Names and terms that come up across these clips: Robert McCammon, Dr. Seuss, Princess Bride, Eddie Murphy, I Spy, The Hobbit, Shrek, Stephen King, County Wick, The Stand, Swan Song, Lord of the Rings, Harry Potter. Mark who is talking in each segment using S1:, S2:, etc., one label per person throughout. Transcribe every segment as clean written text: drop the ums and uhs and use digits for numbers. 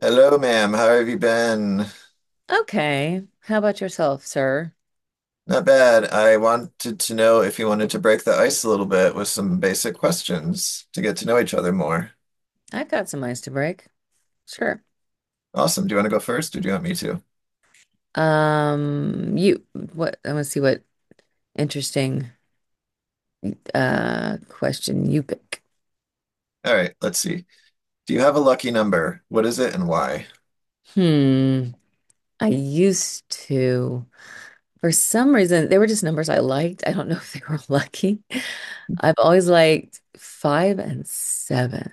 S1: Hello, ma'am. How have you been?
S2: Okay. How about yourself, sir?
S1: Not bad. I wanted to know if you wanted to break the ice a little bit with some basic questions to get to know each other more.
S2: I've got some ice to break. Sure.
S1: Awesome. Do you want to go first or do you want me to?
S2: You what I want to see what interesting question you pick.
S1: All right, let's see. Do you have a lucky number? What is it and why?
S2: Hmm. I used to. For some reason, they were just numbers I liked. I don't know if they were lucky. I've always liked five and seven.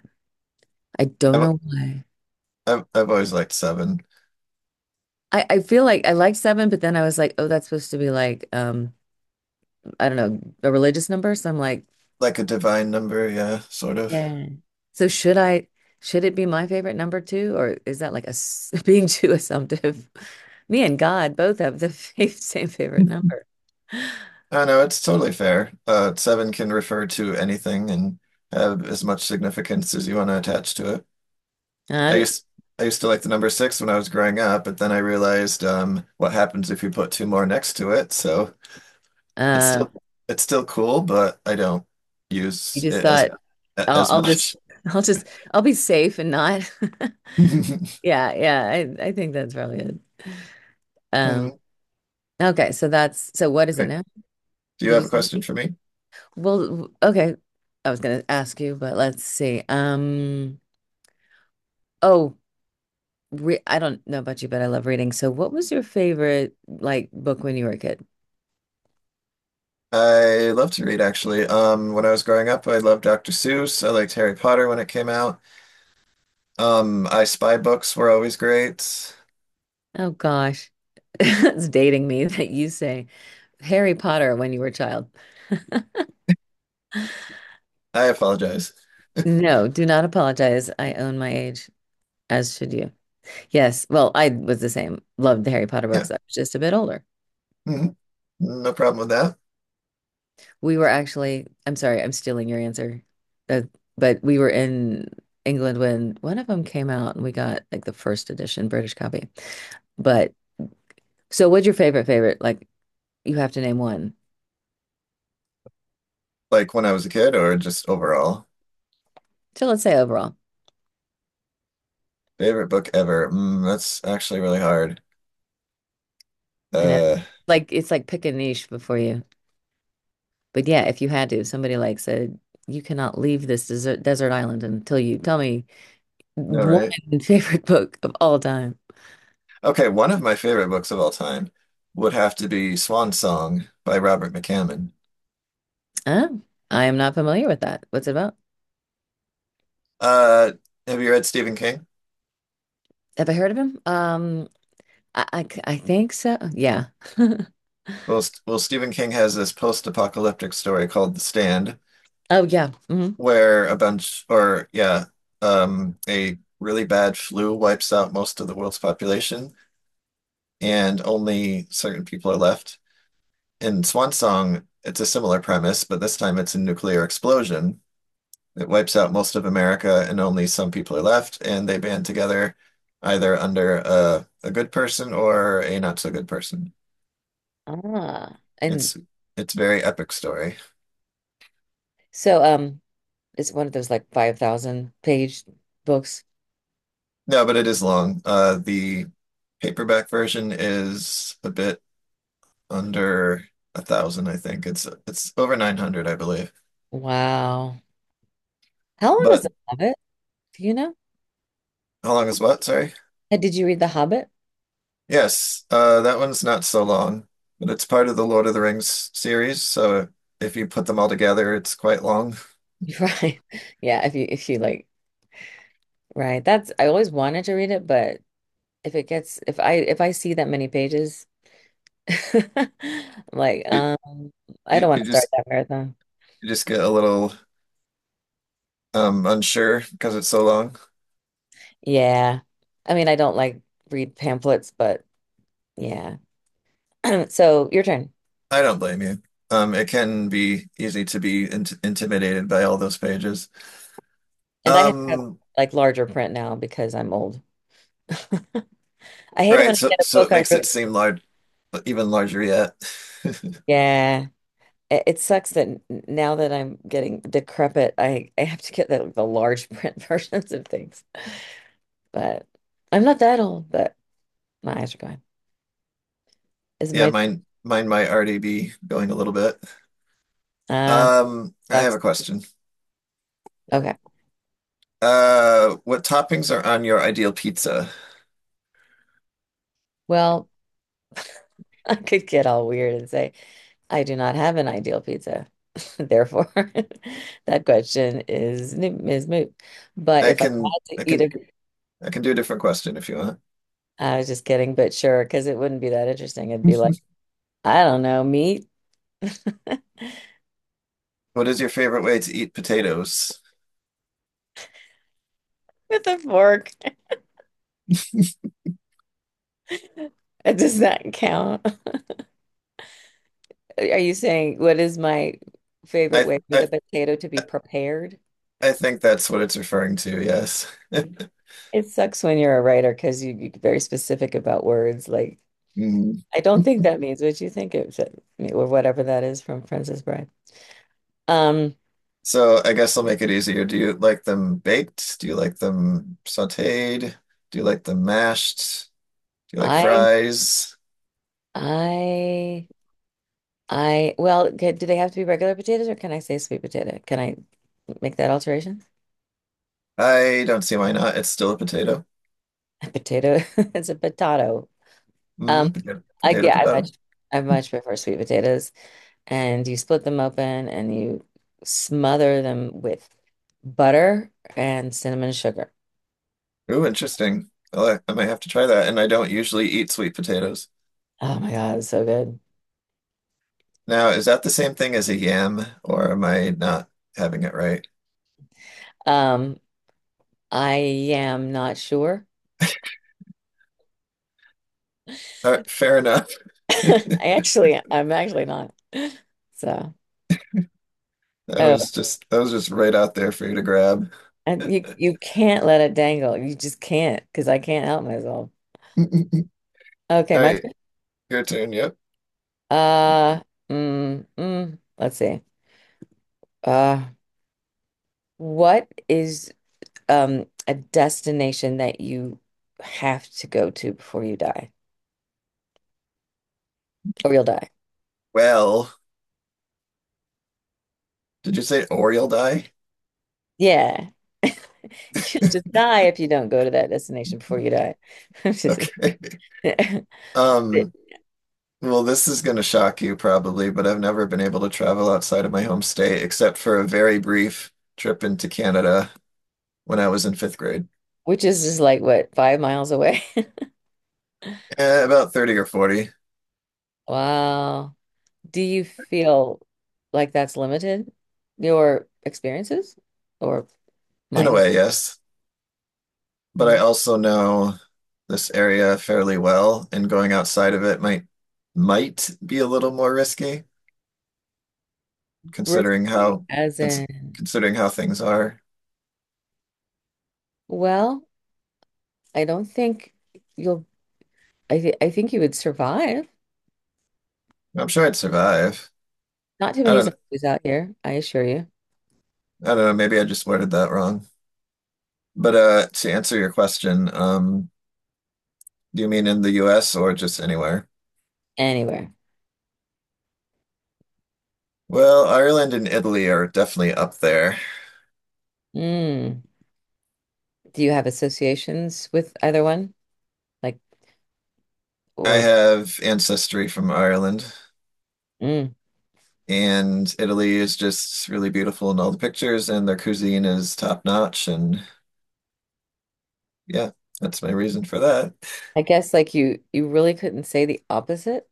S2: I don't
S1: I've,
S2: know why.
S1: I've always liked seven.
S2: I feel like I liked seven, but then I was like, oh, that's supposed to be like I don't know, a religious number. So I'm like,
S1: Like a divine number, yeah, sort of.
S2: yeah. So should it be my favorite number two, or is that like a being too assumptive? Me and God both have the same favorite number.
S1: I know it's totally fair. Seven can refer to anything and have as much significance as you want to attach to it. I
S2: Uh,
S1: used I used to like the number six when I was growing up, but then I realized what happens if you put two more next to it. So it's
S2: uh,
S1: still it's still cool, but I don't
S2: you
S1: use
S2: just
S1: it
S2: thought I'll,
S1: as
S2: I'll just
S1: much.
S2: I'll just I'll be safe and not. Yeah, yeah, I think that's probably it. Um,
S1: Mhm.
S2: okay, so that's so what is it
S1: Great.
S2: now?
S1: Do you
S2: Did you
S1: have a
S2: say?
S1: question for me?
S2: Well, okay. I was gonna ask you, but let's see. Oh. re I don't know about you, but I love reading. So what was your favorite like book when you were a kid?
S1: I love to read actually. When I was growing up, I loved Dr. Seuss. I liked Harry Potter when it came out. I Spy books were always great.
S2: Oh gosh. It's dating me that you say Harry Potter when you were a child.
S1: I apologize.
S2: No, do not apologize. I own my age, as should you. Yes, well, I was the same. Loved the Harry Potter
S1: Yeah.
S2: books. I was just a bit older.
S1: Mhm. No problem with that.
S2: We were actually, I'm sorry, I'm stealing your answer. Uh, but we were in England when one of them came out and we got like the first edition British copy. But so what's your favorite? Like you have to name one.
S1: Like when I was a kid or just overall.
S2: So let's say overall,
S1: Favorite book ever. Mm, that's actually really hard.
S2: you know,
S1: Uh,
S2: like it's like pick a niche before you. But yeah, if you had to, somebody like said, you cannot leave this desert island until you tell me
S1: no,
S2: one
S1: right?
S2: favorite book of all time.
S1: Okay, one of my favorite books of all time would have to be Swan Song by Robert McCammon.
S2: Oh, I am not familiar with that. What's it about?
S1: Uh, have you read Stephen King?
S2: Have I heard of him? I think so. Yeah.
S1: Well, Stephen King has this post-apocalyptic story called The Stand,
S2: Oh yeah. hmm
S1: where a bunch, or yeah, a really bad flu wipes out most of the world's population, and only certain people are left. In Swan Song, it's a similar premise, but this time it's a nuclear explosion. It wipes out most of America and only some people are left, and they band together either under a good person or a not so good person.
S2: Ah, and
S1: It's it's very epic story.
S2: so it's one of those like 5,000 page books.
S1: No, but it is long. The paperback version is a bit under a thousand, I think. It's over 900, I believe.
S2: Wow. How long is
S1: But
S2: The Hobbit? Do you know?
S1: how long is what? Sorry.
S2: Did you read The Hobbit?
S1: Yes, that one's not so long, but it's part of the Lord of the Rings series, so if you put them all together, it's quite long.
S2: Right. Yeah, if you like right. That's I always wanted to read it, but if it gets if I see that many pages I'm like
S1: It
S2: I don't
S1: it
S2: want
S1: you
S2: to start
S1: just
S2: that marathon.
S1: You just get a little unsure because it's so long.
S2: Yeah. I mean, I don't like read pamphlets, but yeah. So, your turn.
S1: I don't blame you. It can be easy to be intimidated by all those pages.
S2: And I have
S1: Um,
S2: like larger print now because I'm old. I hate it when
S1: Right,
S2: I
S1: so
S2: get a
S1: so
S2: book
S1: it
S2: I
S1: makes
S2: really
S1: it seem large, even larger yet.
S2: yeah. It sucks that now that I'm getting decrepit, I have to get the large print versions of things. But I'm not that old, but my eyes are going. Is it
S1: Yeah,
S2: my
S1: mine might already be going a little bit.
S2: uh
S1: I have
S2: sucks.
S1: a question.
S2: Okay.
S1: What toppings are on your ideal pizza?
S2: Well, I could get all weird and say I do not have an ideal pizza. Therefore, that question is is moot. But
S1: I
S2: if I
S1: can
S2: had to
S1: I
S2: eat
S1: can
S2: a,
S1: I can do a different question if you want.
S2: I was just kidding, but sure, because it wouldn't be that interesting. It'd be like, I don't know, meat
S1: What is your favorite way to eat potatoes?
S2: with a fork. Does that count? Are you saying what is my favorite
S1: I
S2: way for the
S1: I
S2: potato to be prepared?
S1: I think that's what it's referring to, yes.
S2: It sucks when you're a writer because you get very specific about words. Like,
S1: Mm.
S2: I don't think that means what you think it should, or whatever that is from Princess Bride. Um,
S1: So I guess I'll make it easier. Do you like them baked? Do you like them sautéed? Do you like them mashed? Do you like
S2: I,
S1: fries?
S2: I, well, do they have to be regular potatoes or can I say sweet potato? Can I make that alteration?
S1: I don't see why not. It's still a potato.
S2: A potato, it's a potato. Um,
S1: Hmm Potato, potato,
S2: yeah,
S1: potato.
S2: I much prefer sweet potatoes. And you split them open and you smother them with butter and cinnamon sugar.
S1: Ooh, interesting. Well, I like- I might have to try that. And I don't usually eat sweet potatoes.
S2: Oh my God, it's so good.
S1: Now, is that the same thing as a yam, or am I not having it right?
S2: Um, I am not sure.
S1: All right, fair enough.
S2: I'm actually not. So,
S1: That
S2: oh,
S1: was just right out there for you to grab.
S2: and you can't let it dangle. You just can't because I can't help myself.
S1: All
S2: Okay, my
S1: right,
S2: turn.
S1: your turn. Yep.
S2: Uh, let's see. Uh, what is a destination that you have to go to before you die, or you'll die?
S1: Well, did you say or you'll die?
S2: Yeah. You'll just die if you don't go to that destination before you die. Just-
S1: Okay. Um, well, this is gonna shock you probably, but I've never been able to travel outside of my home state except for a very brief trip into Canada when I was in fifth grade.
S2: which is just like what, 5 miles away?
S1: Eh, about 30 or 40.
S2: Wow. Do you feel like that's limited your experiences or
S1: In a
S2: mine?
S1: way, yes. But I
S2: Mhm.
S1: also know this area fairly well, and going outside of it might be a little more risky, considering
S2: Risky,
S1: how
S2: as
S1: cons
S2: in,
S1: considering how things are.
S2: well, I don't think you'll, I, th I think you would survive.
S1: I'm sure I'd survive.
S2: Not too
S1: I
S2: many
S1: don't
S2: zombies out here, I assure you.
S1: I don't know, maybe I just worded that wrong. But to answer your question, do you mean in the US or just anywhere?
S2: Anywhere.
S1: Well, Ireland and Italy are definitely up there.
S2: Mm. Do you have associations with either one? Like,
S1: I
S2: or,
S1: have ancestry from Ireland,
S2: mm.
S1: and Italy is just really beautiful in all the pictures, and their cuisine is top notch. And yeah, that's my reason for that.
S2: I guess like you really couldn't say the opposite.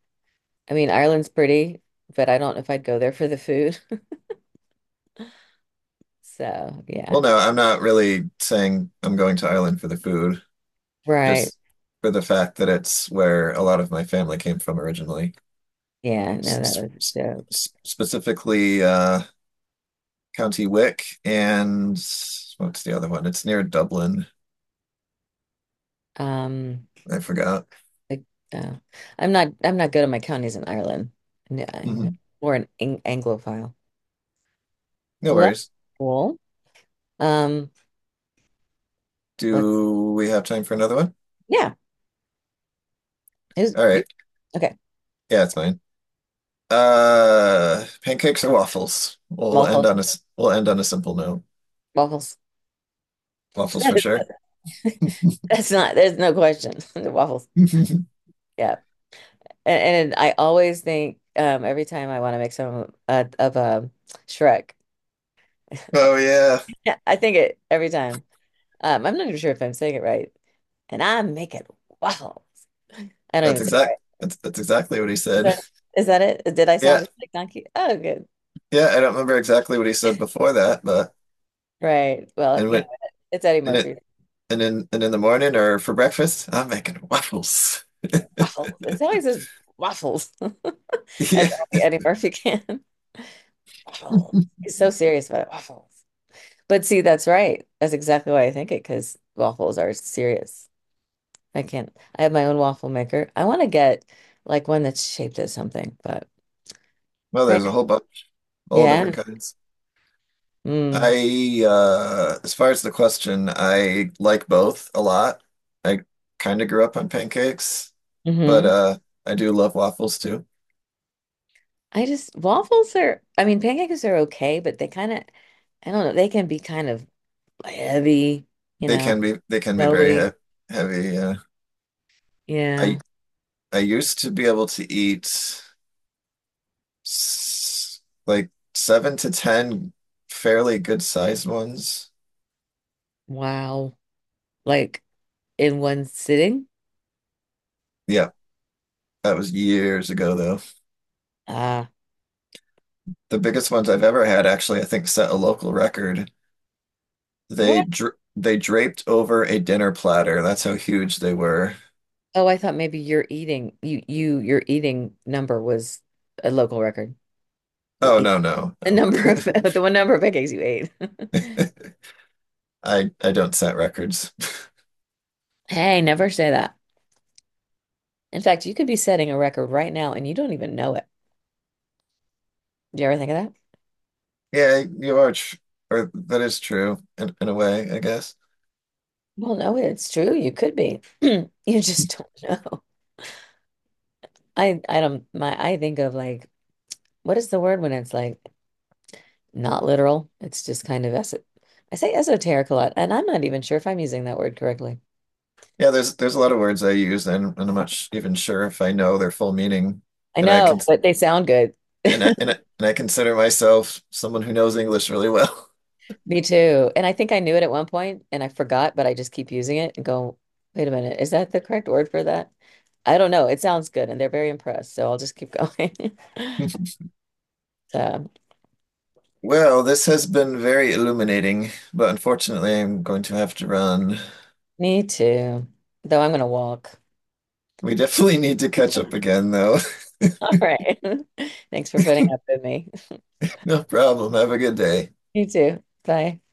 S2: I mean, Ireland's pretty, but I don't know if I'd go there for the food. So,
S1: Well,
S2: yeah.
S1: no, I'm not really saying I'm going to Ireland for the food.
S2: Right.
S1: Just for the fact that it's where a lot of my family came from originally,
S2: Yeah, no, that
S1: S-
S2: was
S1: s-
S2: a joke.
S1: specifically County Wick and what's the other one? It's near Dublin.
S2: Um,
S1: I forgot.
S2: like, uh, I'm not good at my counties in Ireland. No, I know.
S1: Hmm
S2: Or an Anglophile.
S1: No
S2: Well, that's
S1: worries.
S2: cool. Um, let's
S1: Do we have time for another one?
S2: yeah. Who's
S1: All
S2: you
S1: right.
S2: okay.
S1: Yeah, it's fine. Pancakes or waffles?
S2: Waffles.
S1: We'll end on a simple note.
S2: Waffles.
S1: Waffles
S2: That
S1: for sure.
S2: is, that's not there's no question. The waffles. Yeah. And I always think every time I want to make some of a Shrek.
S1: Oh yeah,
S2: Yeah, I think it every time. I'm not even sure if I'm saying it right. And I make it waffles. I don't
S1: that's
S2: even say it
S1: exact.
S2: right.
S1: That's exactly what he
S2: Is
S1: said.
S2: that is that it? Did I sound
S1: Yeah.
S2: just like donkey? Oh, good.
S1: Yeah, I don't remember exactly what he said before that, but
S2: Right. Well,
S1: and
S2: you know,
S1: what
S2: it's Eddie
S1: and it
S2: Murphy.
S1: and in the morning or for breakfast, I'm making waffles.
S2: Waffles. It's how he says waffles. That's
S1: Yeah.
S2: only Eddie Murphy can. Waffles. He's so serious about it. Waffles. But see, that's right. That's exactly why I think it, because waffles are serious. I can't. I have my own waffle maker. I want to get like one that's shaped as something, but
S1: Well,
S2: right.
S1: there's a whole bunch, all
S2: Yeah.
S1: different kinds.
S2: Mm.
S1: I as far as the question, I like both a lot. I kind of grew up on pancakes, but
S2: hmm
S1: I do love waffles too.
S2: I just waffles are I mean pancakes are okay, but they kind of I don't know, they can be kind of heavy, you know,
S1: They can be very
S2: slowly.
S1: he heavy.
S2: Yeah.
S1: I I used to be able to eat s- like 7 to 10 fairly good sized ones.
S2: Wow. Like in one sitting?
S1: Yeah, that was years ago though.
S2: Ah.
S1: The biggest ones I've ever had actually, I think, set a local record.
S2: What?
S1: They draped over a dinner platter. That's how huge they were.
S2: Oh, I thought maybe your eating number was a local record. Your
S1: Oh
S2: eat
S1: no, no,
S2: the
S1: no.
S2: number of the one number of pancakes you ate.
S1: I don't set records.
S2: Hey, never say that. In fact, you could be setting a record right now and you don't even know it. Do you ever think of that?
S1: Yeah, you are, tr or that is true in a way, I guess.
S2: Well, no, it's true. You could be. You just don't know. I don't my I think of like what is the word when it's like not literal? It's just kind of es I say esoteric a lot, and I'm not even sure if I'm using that word correctly.
S1: Yeah, there's a lot of words I use and I'm not sh even sure if I know their full meaning,
S2: I
S1: and I
S2: know,
S1: can
S2: but they sound good.
S1: and I consider myself someone who knows English really well.
S2: Me too. And I think I knew it at one point and I forgot, but I just keep using it and go, wait a minute, is that the correct word for that? I don't know. It sounds good and they're very impressed, so I'll just keep going. So,
S1: Well, this has been very illuminating, but unfortunately, I'm going to have to run.
S2: me too. Though I'm gonna walk.
S1: We definitely need to catch up again, though.
S2: All right. Thanks for putting up with me.
S1: No problem. Have a good day.
S2: Me too. Bye.